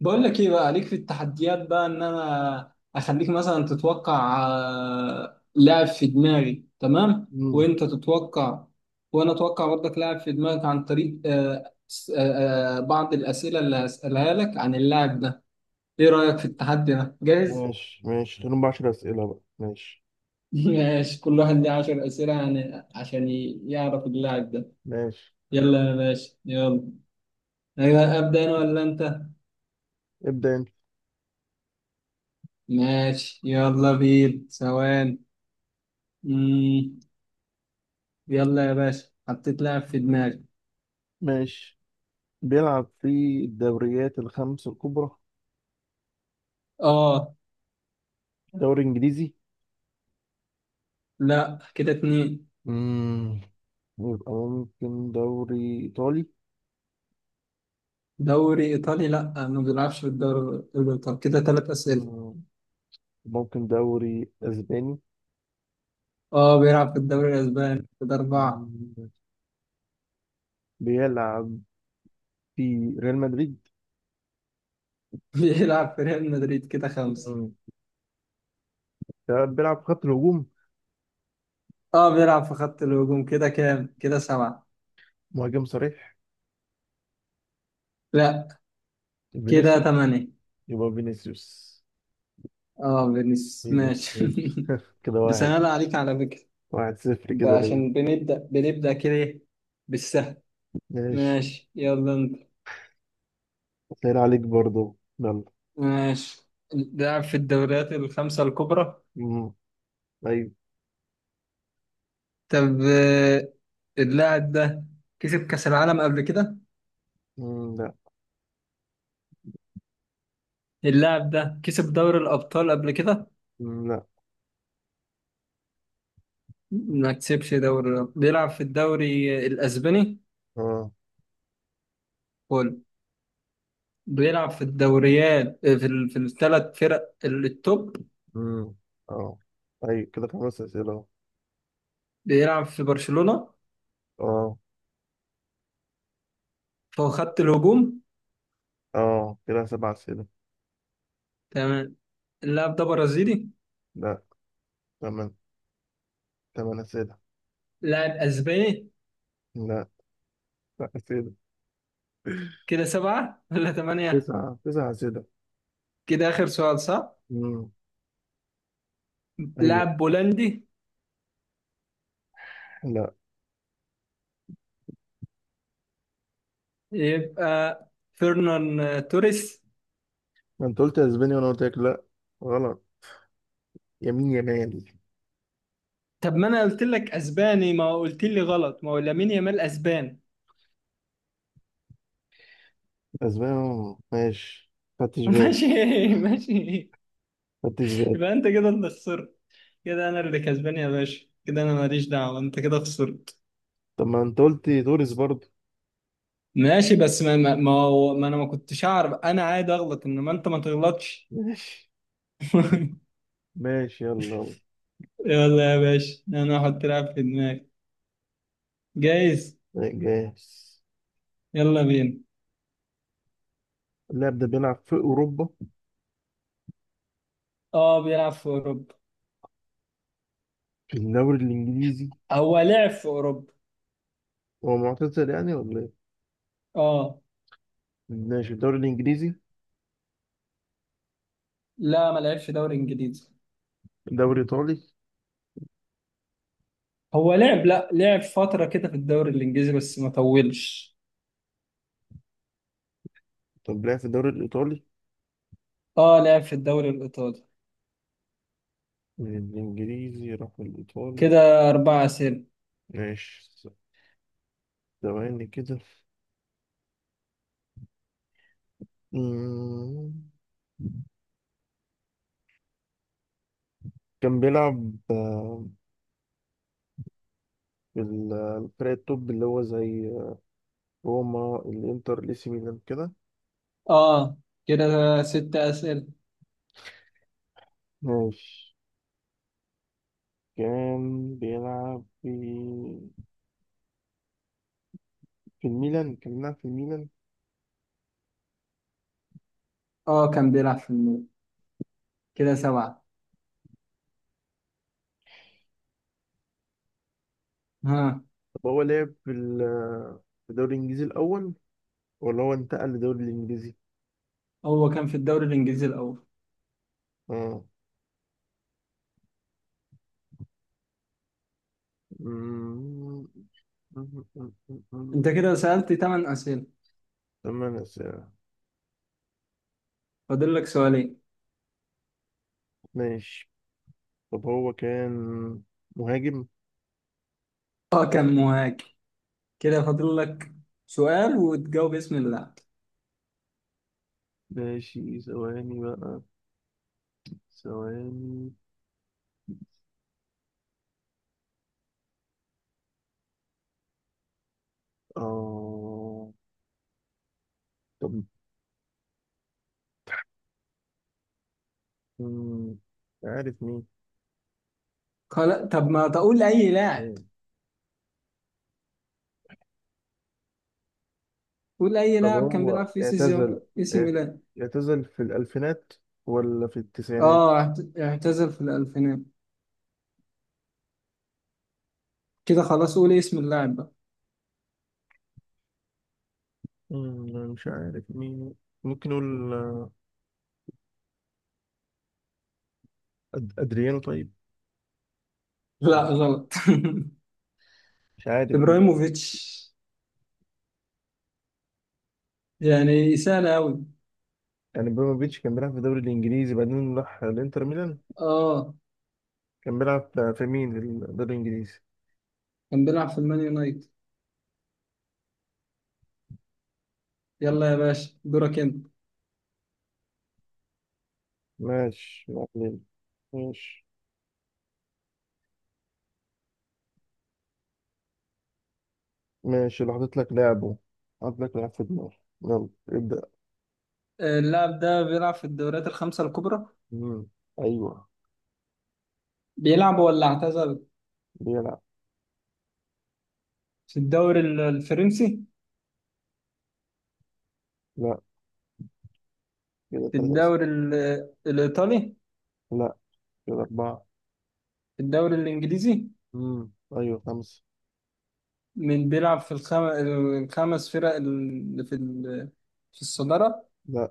بقول لك ايه بقى؟ عليك في التحديات بقى، ان انا اخليك مثلا تتوقع لاعب في دماغي. تمام، مم. وانت تتوقع وانا اتوقع برضك لاعب في دماغك عن طريق بعض الاسئله اللي هسالها لك عن اللاعب ده. ايه رايك في التحدي ده؟ جاهز؟ ماشي ماشي، خليهم ب10 أسئلة بقى. ماشي ماشي، كل واحد ليه 10 اسئله يعني عشان يعرف اللاعب ده. ماشي، يلا يا باشا، يلا. أيوة، ابدا انا ولا انت؟ ابدأ أنت. ماشي، يلا بينا. ثواني. يلا يا باشا، حطيت لاعب في دماغي. ماشي، بيلعب في الدوريات الخمس الكبرى. اه. دوري إنجليزي؟ لا كده 2. مم. يبقى ممكن دوري إيطالي؟ دوري ايطالي؟ لا، ما بيلعبش في الدوري الايطالي، كده 3 اسئله. مم. ممكن دوري أسباني؟ اه، بيلعب في الدوري الاسباني، كده 4. مم. بيلعب في ريال مدريد؟ بيلعب في ريال مدريد، كده 5. مم. ده بيلعب في خط الهجوم؟ اه، بيلعب في خط الهجوم، كده كام؟ كده 7. مهاجم صريح؟ لا، كده فينيسيوس. 8. يبقى فينيسيوس. اه، فينيسيوس، ماشي. فينيسيوس كده بس انا لا واحد. عليك على فكره، 1-0 بقى كده ليه؟ عشان بنبدا كده إيه؟ بالسهل. ماشي، ماشي، يلا انت. سهل عليك برضو يلا. ماشي. لعب في الدوريات الخمسة الكبرى. مم. أيوة. طب اللاعب ده كسب كأس العالم قبل كده؟ مم. لا. اللاعب ده كسب دوري الأبطال قبل كده؟ مم. لا. ما كسبش دوري الأبطال، بيلعب في الدوري الأسباني، اه. فول. بيلعب في الدوريات في الثلاث فرق التوب. مم. اه، أيوة كده 5 أسئلة أهو. بيلعب في برشلونة، اه. فهو خط الهجوم. اه كده 7 أسئلة. تمام. اللاعب ده برازيلي؟ لا. تمن تمن أسئلة. لاعب أسباني. لا. لا أسئلة. كده 7 ولا 8؟ تسعة تسعة أسئلة. كده آخر سؤال، صح؟ مم. أيوة. لاعب بولندي؟ لا، يبقى فيرنان توريس. ما أنت قلت أسبانيا وأنا قلت لك لا. غلط. يمين يمين. طب ما انا قلت لك اسباني، ما قلت لي غلط، ما هو لامين يامال اسبان. أسبانيا ماشي. خدتش بالي. ماشي، ماشي. خدتش بالي. يبقى انت كده اللي خسرت. كده انا اللي كسبان يا باشا، كده انا ماليش دعوه، انت كده خسرت. طب ما أنت قلت تونس برضو. ماشي، بس ما انا ما كنتش اعرف، انا عادي اغلط، انما انت ما تغلطش. ماشي. ماشي يلا. يلا يا باشا، انا هحط لاعب في دماغي. جايز. جاهز. يلا بينا. اللاعب ده بيلعب في أوروبا. اه، بيلعب في اوروبا. في الدوري الإنجليزي. هو لعب في اوروبا. هو معتزل يعني ولا إيه؟ اه. ماشي، الدوري الإنجليزي. لا، ما لعبش دوري انجليزي. الدوري الإيطالي. هو لعب، لا، لعب فترة كده في الدوري الإنجليزي بس ما طولش. طب لعب في الدوري الإيطالي. اه، لعب في الدوري الإيطالي. من الإنجليزي راح الإيطالي. كده 4 أسئلة. ماشي. ثواني كده. مم. كان بيلعب في الفرق التوب اللي هو زي روما الإنتر الإي سي ميلان كده. اه، كده 6 أسئلة. ماشي. كان بيلعب في الميلان. كان بيلعب في الميلان. اه، كان بيلعب في الميلان. كده 7. ها. طب هو لعب في في الدوري الإنجليزي الأول، ولا هو انتقل للدوري الإنجليزي؟ هو كان في الدوري الإنجليزي الأول. اه. مم. مم. مم. أنت مم. كده سألت 8 أسئلة، تمام ساعة. فاضل لك 2. ماشي. طب هو كان مهاجم. اه، كان مهاجم. كده فاضل لك سؤال وتجاوب اسم اللاعب. ماشي، ثواني بقى. ثواني. اه. طب. مم. عارف مين؟ خلاص، طب ما تقول أي لاعب. مم. قول أي طب لاعب كان هو بيلعب في سي اعتزل. سي اعت- ميلان. اعتزل في الألفينات ولا في التسعينات؟ اه، اعتزل في الألفينات. كده خلاص، قولي اسم اللاعب بقى. مش عارف مين. ممكن نقول أدريانو طيب؟ لا آه، غلط. مش عارف مين. ابراهيموفيتش، يعني سهلة أوي. يعني بريموفيتش كان بيلعب في الدوري الانجليزي، بعدين راح الانتر ميلان. اه، كان بيلعب في مين، في الدوري الانجليزي؟ كان بيلعب في المان يونايتد. يلا يا باشا، دورك انت. ماشي معلم. ماشي. ماشي لو حطيت لك لعبه. حطيت لك لعب في دماغي. يلا ابدأ. اللاعب ده بيلعب في الدوريات الخمسة الكبرى. مم. ايوه. بيلعب ولا اعتزل؟ بيلعب. في الدوري الفرنسي. لا، كده في ثلاثة. الدوري الإيطالي. لا، كده أربعة. في الدوري الإنجليزي. مم. ايوه، خمسة. من بيلعب في الخمس فرق اللي في في الصدارة؟ لا،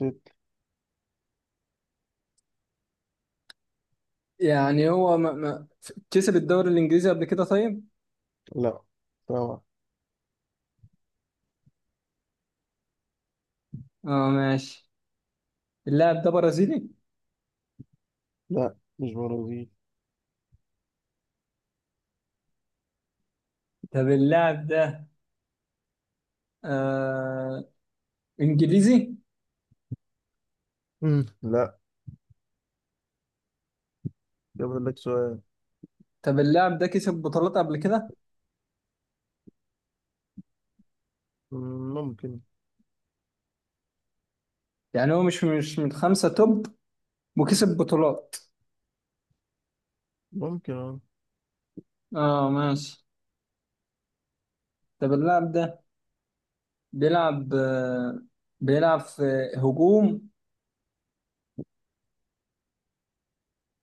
ست. يعني هو ما... ما... كسب الدوري الإنجليزي قبل كده؟ طيب. لا، سبعة. اه ماشي. اللاعب ده برازيلي؟ لا، مش برازيل. طب اللاعب ده آه انجليزي؟ مم. لا. ده فاضل لك سؤال. طب اللاعب ده كسب بطولات قبل كده؟ ممكن. يعني هو مش من خمسة توب، وكسب بطولات. ممكن اه. اه ماشي. طب اللاعب ده بيلعب آه بيلعب في هجوم.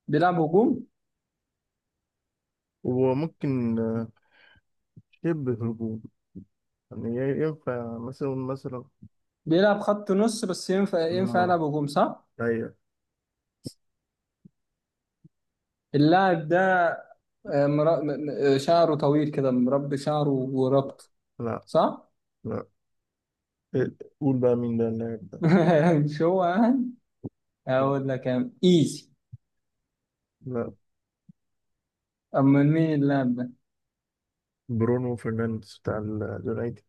بيلعب هجوم. وممكن شبه هجوم. يعني ينفع مثلا مثلا. بيلعب خط نص بس ينفع آه. يلعب هجوم، صح؟ أيوة. اللاعب ده آه مرا... م- م- آه، شعره طويل كده، مربي شعره وربط، لا. صح؟ لا. إيه، قول بقى مين ده اللاعب ده. مش هو يعني. هقول لك. ايزي. لا. أما مين اللاعب ده؟ برونو فرنانديز بتاع اليونايتد.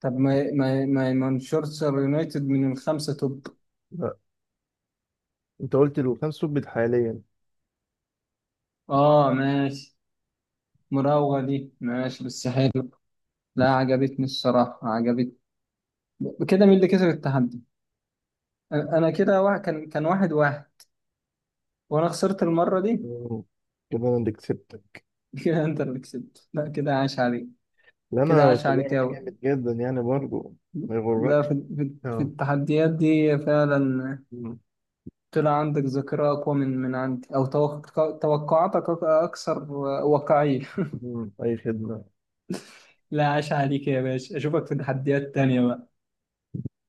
طب ما ما ما مانشستر يونايتد من الخمسة توب. لا. أنت قلت له كان سبت حاليا. ماشي، مراوغة دي ماشي بس حلو. لا، عجبتني الصراحة، عجبتني. كده مين اللي كسب التحدي؟ أنا كده واحد، كان 1-1، وأنا خسرت المرة دي. مم. كده أنا اللي كسبتك. كده أنت اللي كسبت، لا كده عاش عليك. لا، كده أنا عاش في عليك اللعبة دي أوي. جامد جدا يعني برضه. ما لا، يغركش. في اه. التحديات دي فعلا. مم. طلع عندك ذاكرة أقوى من عندي، أو توقعاتك أكثر واقعية. مم. أي خدمة. لا عاش عليك يا باشا، اشوفك في تحديات تانية بقى.